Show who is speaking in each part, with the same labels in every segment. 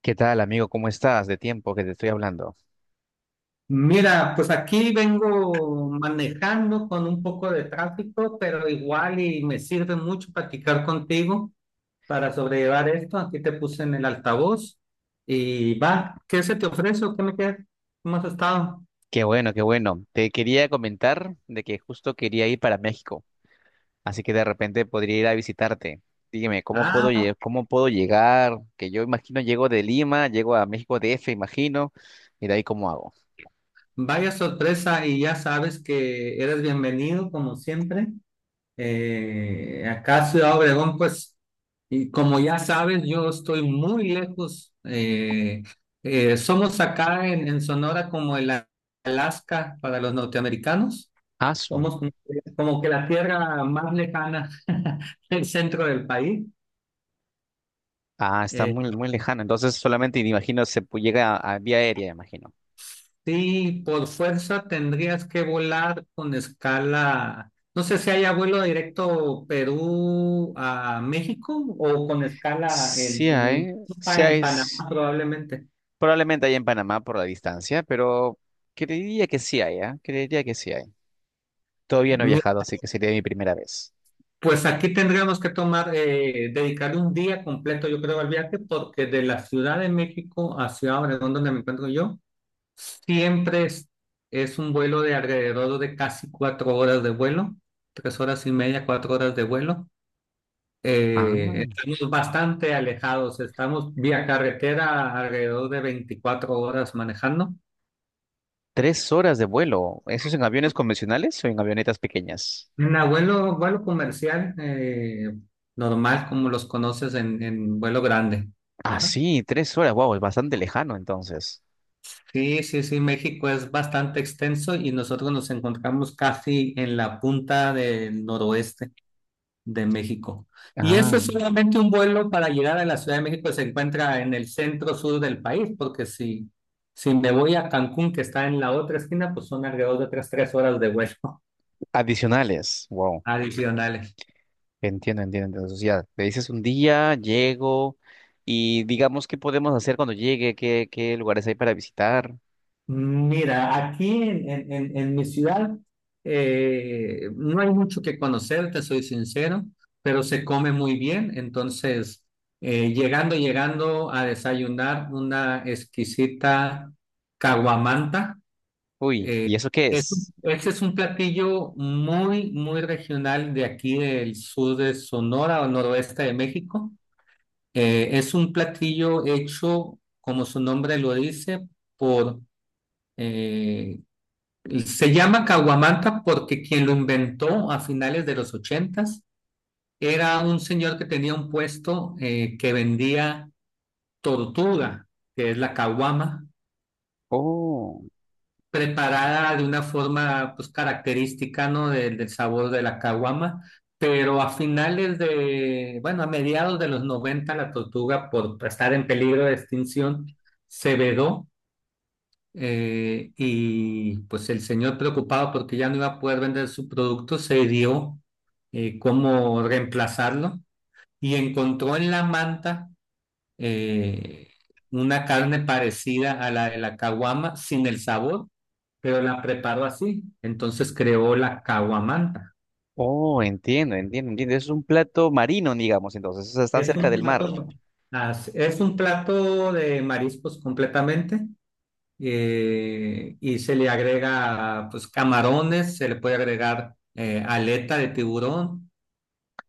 Speaker 1: ¿Qué tal, amigo? ¿Cómo estás? De tiempo que te estoy hablando.
Speaker 2: Mira, pues aquí vengo manejando con un poco de tráfico, pero igual y me sirve mucho platicar contigo para sobrellevar esto. Aquí te puse en el altavoz y va, ¿qué se te ofrece o qué me queda? ¿Cómo has estado?
Speaker 1: Qué bueno, qué bueno. Te quería comentar de que justo quería ir para México, así que de repente podría ir a visitarte. Dígame,
Speaker 2: Ah,
Speaker 1: ¿cómo puedo llegar? Que yo imagino llego de Lima, llego a México DF, imagino, y de ahí cómo hago.
Speaker 2: Vaya sorpresa y ya sabes que eres bienvenido como siempre. Acá Ciudad Obregón, pues, y como ya sabes, yo estoy muy lejos. Somos acá en Sonora como el Alaska para los norteamericanos.
Speaker 1: Ah, su-
Speaker 2: Somos como, como que la tierra más lejana del centro del país.
Speaker 1: ah, está muy, muy lejano. Entonces solamente imagino llega a vía aérea, imagino.
Speaker 2: Sí, por fuerza tendrías que volar con escala. No sé si haya vuelo directo Perú a México o con escala en, en
Speaker 1: Sí hay,
Speaker 2: en Panamá probablemente.
Speaker 1: probablemente hay en Panamá por la distancia, pero creería que sí hay, ¿ah? Creería que sí hay. Todavía no he
Speaker 2: Mi-
Speaker 1: viajado, así que sería mi primera vez.
Speaker 2: Pues aquí tendríamos que tomar, dedicarle un día completo, yo creo, al viaje, porque de la Ciudad de México hacia Obregón, donde me encuentro yo, siempre es un vuelo de alrededor de casi 4 horas de vuelo, 3 horas y media, 4 horas de vuelo.
Speaker 1: Ah,
Speaker 2: Estamos bastante alejados, estamos vía carretera alrededor de 24 horas manejando.
Speaker 1: tres horas de vuelo. ¿Eso es en aviones convencionales o en avionetas pequeñas?
Speaker 2: Vuelo comercial, normal como los conoces en vuelo grande.
Speaker 1: Ah,
Speaker 2: Ajá.
Speaker 1: sí, tres horas. Wow, es bastante lejano entonces.
Speaker 2: Sí, sí, sí, México es bastante extenso y nosotros nos encontramos casi en la punta del noroeste de México. Y eso
Speaker 1: Ah,
Speaker 2: es solamente un vuelo para llegar a la Ciudad de México, se encuentra en el centro sur del país, porque si me voy a Cancún, que está en la otra esquina, pues son alrededor de otras 3 horas de vuelo
Speaker 1: adicionales. Wow,
Speaker 2: adicionales.
Speaker 1: entiendo, entiendo. Entonces ya, te dices un día, llego y digamos qué podemos hacer cuando llegue, qué, qué lugares hay para visitar.
Speaker 2: Mira, aquí en mi ciudad no hay mucho que conocer, te soy sincero, pero se come muy bien. Entonces, llegando a desayunar una exquisita caguamanta.
Speaker 1: Uy,
Speaker 2: Eh,
Speaker 1: ¿y eso qué es?
Speaker 2: este es un platillo muy, muy regional de aquí del sur de Sonora o noroeste de México. Es un platillo hecho, como su nombre lo dice, por... eh, se llama caguamanta porque quien lo inventó a finales de los ochentas era un señor que tenía un puesto que vendía tortuga, que es la caguama
Speaker 1: Oh,
Speaker 2: preparada de una forma pues característica, ¿no? Del, del sabor de la caguama, pero a finales de, bueno, a mediados de los 90 la tortuga por estar en peligro de extinción se vedó, y pues el señor preocupado porque ya no iba a poder vender su producto se dio, cómo reemplazarlo y encontró en la manta eh, una carne parecida a la de la caguama sin el sabor, pero la preparó así. Entonces creó la caguamanta.
Speaker 1: oh, entiendo, entiendo, entiendo. Es un plato marino, digamos, entonces, o sea, están
Speaker 2: Es
Speaker 1: cerca
Speaker 2: un
Speaker 1: del mar.
Speaker 2: plato, es un plato de mariscos completamente, y se le agrega pues camarones, se le puede agregar aleta de tiburón,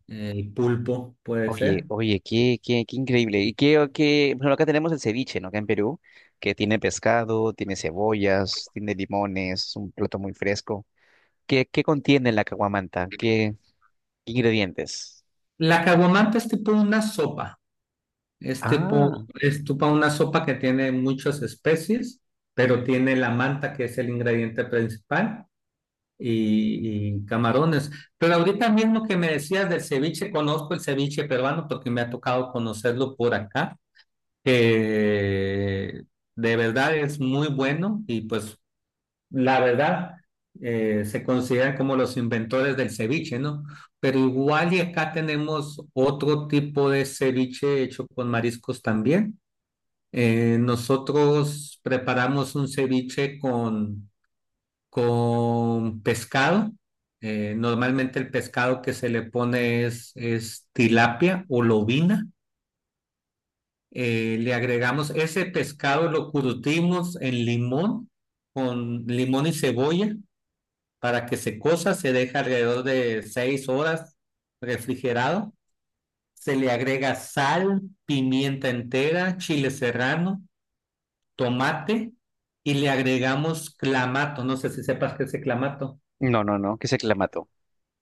Speaker 2: pulpo puede
Speaker 1: Oye,
Speaker 2: ser.
Speaker 1: oye, qué, qué, qué increíble. Y qué, qué, bueno, acá tenemos el ceviche, ¿no? Acá en Perú, que tiene pescado, tiene cebollas, tiene limones, un plato muy fresco. ¿Qué, qué contiene la caguamanta? ¿Qué, qué ingredientes?
Speaker 2: La caguamanta es tipo una sopa. Es tipo,
Speaker 1: Ah,
Speaker 2: es tipo una sopa que tiene muchas especies, pero tiene la manta, que es el ingrediente principal, y camarones. Pero ahorita mismo que me decías del ceviche, conozco el ceviche peruano porque me ha tocado conocerlo por acá, que de verdad es muy bueno y pues la verdad, se consideran como los inventores del ceviche, ¿no? Pero igual y acá tenemos otro tipo de ceviche hecho con mariscos también. Nosotros preparamos un ceviche con pescado. Normalmente el pescado que se le pone es tilapia o lobina. Le agregamos ese pescado, lo curtimos en limón, con limón y cebolla, para que se cosa. Se deja alrededor de 6 horas refrigerado. Se le agrega sal, pimienta entera, chile serrano, tomate, y le agregamos clamato. No sé si sepas qué es el clamato.
Speaker 1: no, no, no, que es el clamato.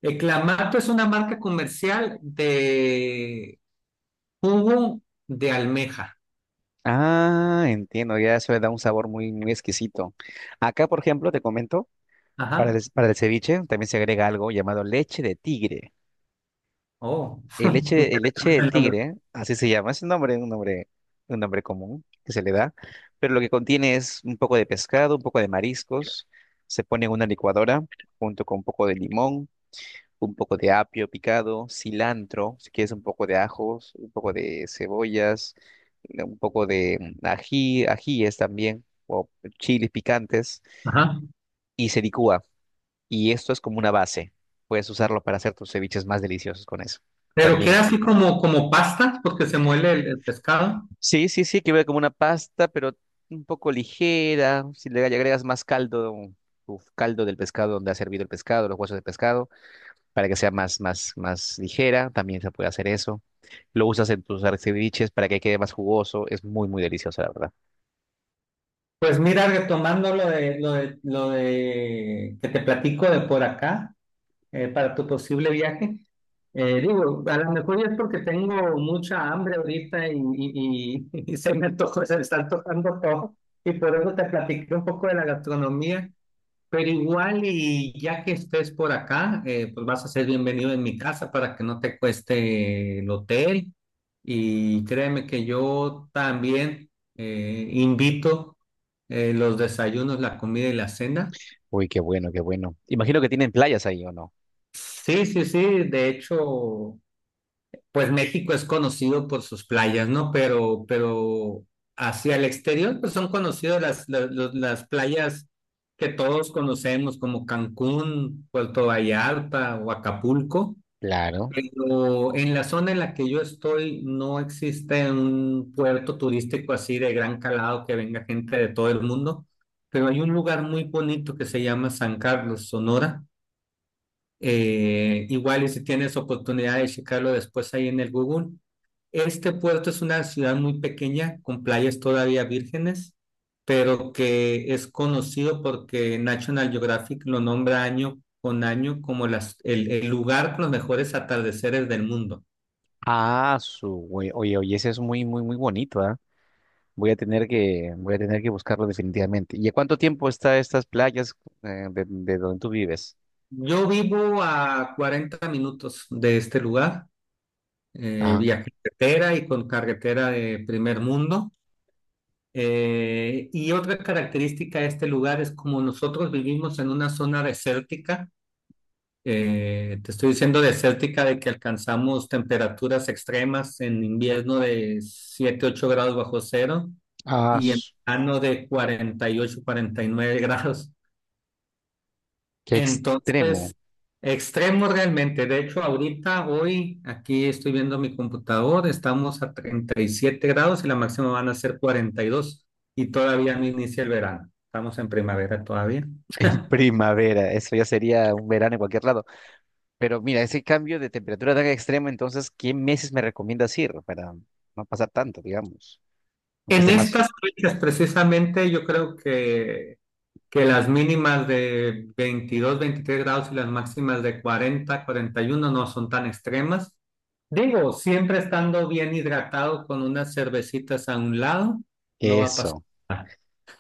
Speaker 2: El clamato es una marca comercial de jugo de almeja.
Speaker 1: Ah, entiendo, ya eso le da un sabor muy, muy exquisito. Acá, por ejemplo, te comento,
Speaker 2: Ajá.
Speaker 1: para el ceviche también se agrega algo llamado leche de tigre.
Speaker 2: Oh.
Speaker 1: El leche de tigre, así se llama, es un nombre, un nombre común que se le da, pero lo que contiene es un poco de pescado, un poco de mariscos, se pone en una licuadora junto con un poco de limón, un poco de apio picado, cilantro, si quieres un poco de ajos, un poco de cebollas, un poco de mm, ají, ajíes también, o chiles picantes,
Speaker 2: Ajá.
Speaker 1: y se licúa. Y esto es como una base. Puedes usarlo para hacer tus ceviches más deliciosos con eso.
Speaker 2: Pero
Speaker 1: También.
Speaker 2: queda así como, como pastas porque se muele el pescado.
Speaker 1: Sí, sí, sí, que ve como una pasta, pero un poco ligera. Si le agregas más caldo, tu caldo del pescado donde ha servido el pescado, los huesos de pescado, para que sea más, más, más ligera, también se puede hacer eso. Lo usas en tus ceviches para que quede más jugoso. Es muy, muy delicioso, la verdad.
Speaker 2: Pues mira, retomando lo de que te platico de por acá, para tu posible viaje. Digo, a lo mejor es porque tengo mucha hambre ahorita y se me se me está antojando todo. Y por eso te platiqué un poco de la gastronomía. Pero igual, y ya que estés por acá, pues vas a ser bienvenido en mi casa para que no te cueste el hotel. Y créeme que yo también invito los desayunos, la comida y la cena.
Speaker 1: Uy, qué bueno, qué bueno. Imagino que tienen playas ahí, ¿o no?
Speaker 2: Sí, sí, sí. De hecho, pues México es conocido por sus playas, ¿no? Pero hacia el exterior, pues son conocidas las playas que todos conocemos, como Cancún, Puerto Vallarta o Acapulco.
Speaker 1: Claro.
Speaker 2: Pero en la zona en la que yo estoy no existe un puerto turístico así de gran calado que venga gente de todo el mundo, pero hay un lugar muy bonito que se llama San Carlos, Sonora. Igual y si tienes oportunidad de checarlo después ahí en el Google. Este puerto es una ciudad muy pequeña con playas todavía vírgenes, pero que es conocido porque National Geographic lo nombra año con año como el lugar con los mejores atardeceres del mundo.
Speaker 1: Ah, su, güey. Oye, oye, ese es muy, muy, muy bonito, ¿ah? Voy a tener que buscarlo definitivamente. ¿Y a cuánto tiempo está estas playas de donde tú vives?
Speaker 2: Yo vivo a 40 minutos de este lugar,
Speaker 1: Ah,
Speaker 2: vía carretera y con carretera de primer mundo. Y otra característica de este lugar es como nosotros vivimos en una zona desértica, te estoy diciendo desértica de que alcanzamos temperaturas extremas en invierno de 7 8 grados bajo cero
Speaker 1: ah,
Speaker 2: y en
Speaker 1: s-
Speaker 2: verano de 40 48 49 grados.
Speaker 1: qué extremo.
Speaker 2: Entonces, extremo realmente. De hecho, ahorita, hoy, aquí estoy viendo mi computador, estamos a 37 grados y la máxima van a ser 42 y todavía no inicia el verano. Estamos en primavera todavía.
Speaker 1: En primavera, eso ya sería un verano en cualquier lado. Pero mira, ese cambio de temperatura tan extremo, entonces, ¿qué meses me recomiendas ir para no pasar tanto, digamos? Aunque
Speaker 2: En
Speaker 1: sea más...
Speaker 2: estas fechas, precisamente, que las mínimas de 22 23 grados y las máximas de 40 41 no son tan extremas. Digo, siempre estando bien hidratado con unas cervecitas a un lado, no va a pasar.
Speaker 1: Eso,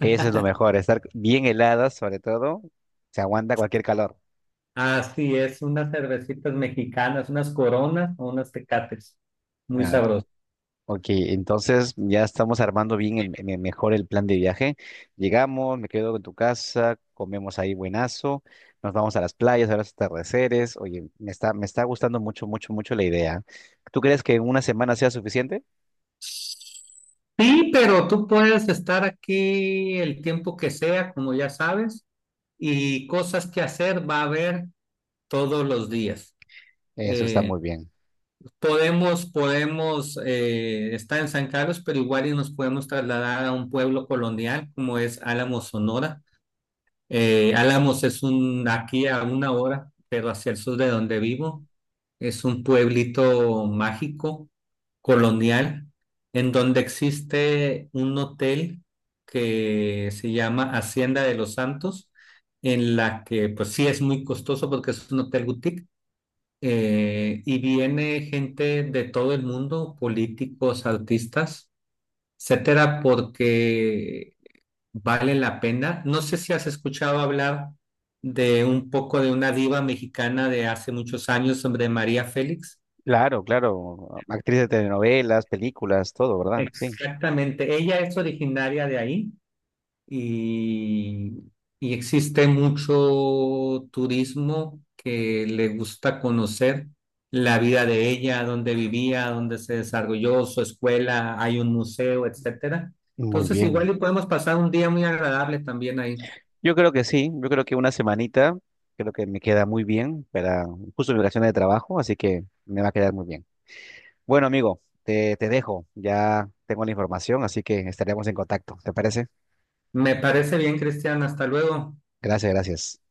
Speaker 1: eso es lo mejor, estar bien helada sobre todo, se aguanta cualquier calor.
Speaker 2: Así es, unas cervecitas mexicanas, unas coronas o unas tecates. Muy
Speaker 1: Ah,
Speaker 2: sabroso.
Speaker 1: Ok, entonces ya estamos armando bien el mejor el plan de viaje. Llegamos, me quedo en tu casa, comemos ahí buenazo, nos vamos a las playas, a los atardeceres. Oye, me está gustando mucho, mucho, mucho la idea. ¿Tú crees que una semana sea suficiente?
Speaker 2: Sí, pero tú puedes estar aquí el tiempo que sea, como ya sabes, y cosas que hacer va a haber todos los días.
Speaker 1: Eso está
Speaker 2: Eh,
Speaker 1: muy bien.
Speaker 2: podemos estar en San Carlos, pero igual y nos podemos trasladar a un pueblo colonial como es Álamo, Sonora. Álamos es un, aquí a una hora, pero hacia el sur de donde vivo, es un pueblito mágico, colonial, en donde existe un hotel que se llama Hacienda de los Santos, en la que pues sí es muy costoso porque es un hotel boutique, y viene gente de todo el mundo, políticos, artistas, etcétera, porque vale la pena. No sé si has escuchado hablar de un poco de una diva mexicana de hace muchos años, sobre María Félix.
Speaker 1: Claro, claro. Actriz de telenovelas, películas, todo, ¿verdad? Sí.
Speaker 2: Exactamente, ella es originaria de ahí y, y existe mucho turismo que le gusta conocer la vida de ella, dónde vivía, dónde se desarrolló, su escuela, hay un museo, etcétera.
Speaker 1: Muy
Speaker 2: Entonces,
Speaker 1: bien.
Speaker 2: igual y podemos pasar un día muy agradable también ahí.
Speaker 1: Yo creo que sí, yo creo que una semanita, creo que me queda muy bien para justo mi vacaciones de trabajo, así que me va a quedar muy bien. Bueno, amigo, te dejo. Ya tengo la información, así que estaremos en contacto. ¿Te parece?
Speaker 2: Me parece bien, Cristian, hasta luego.
Speaker 1: Gracias, gracias.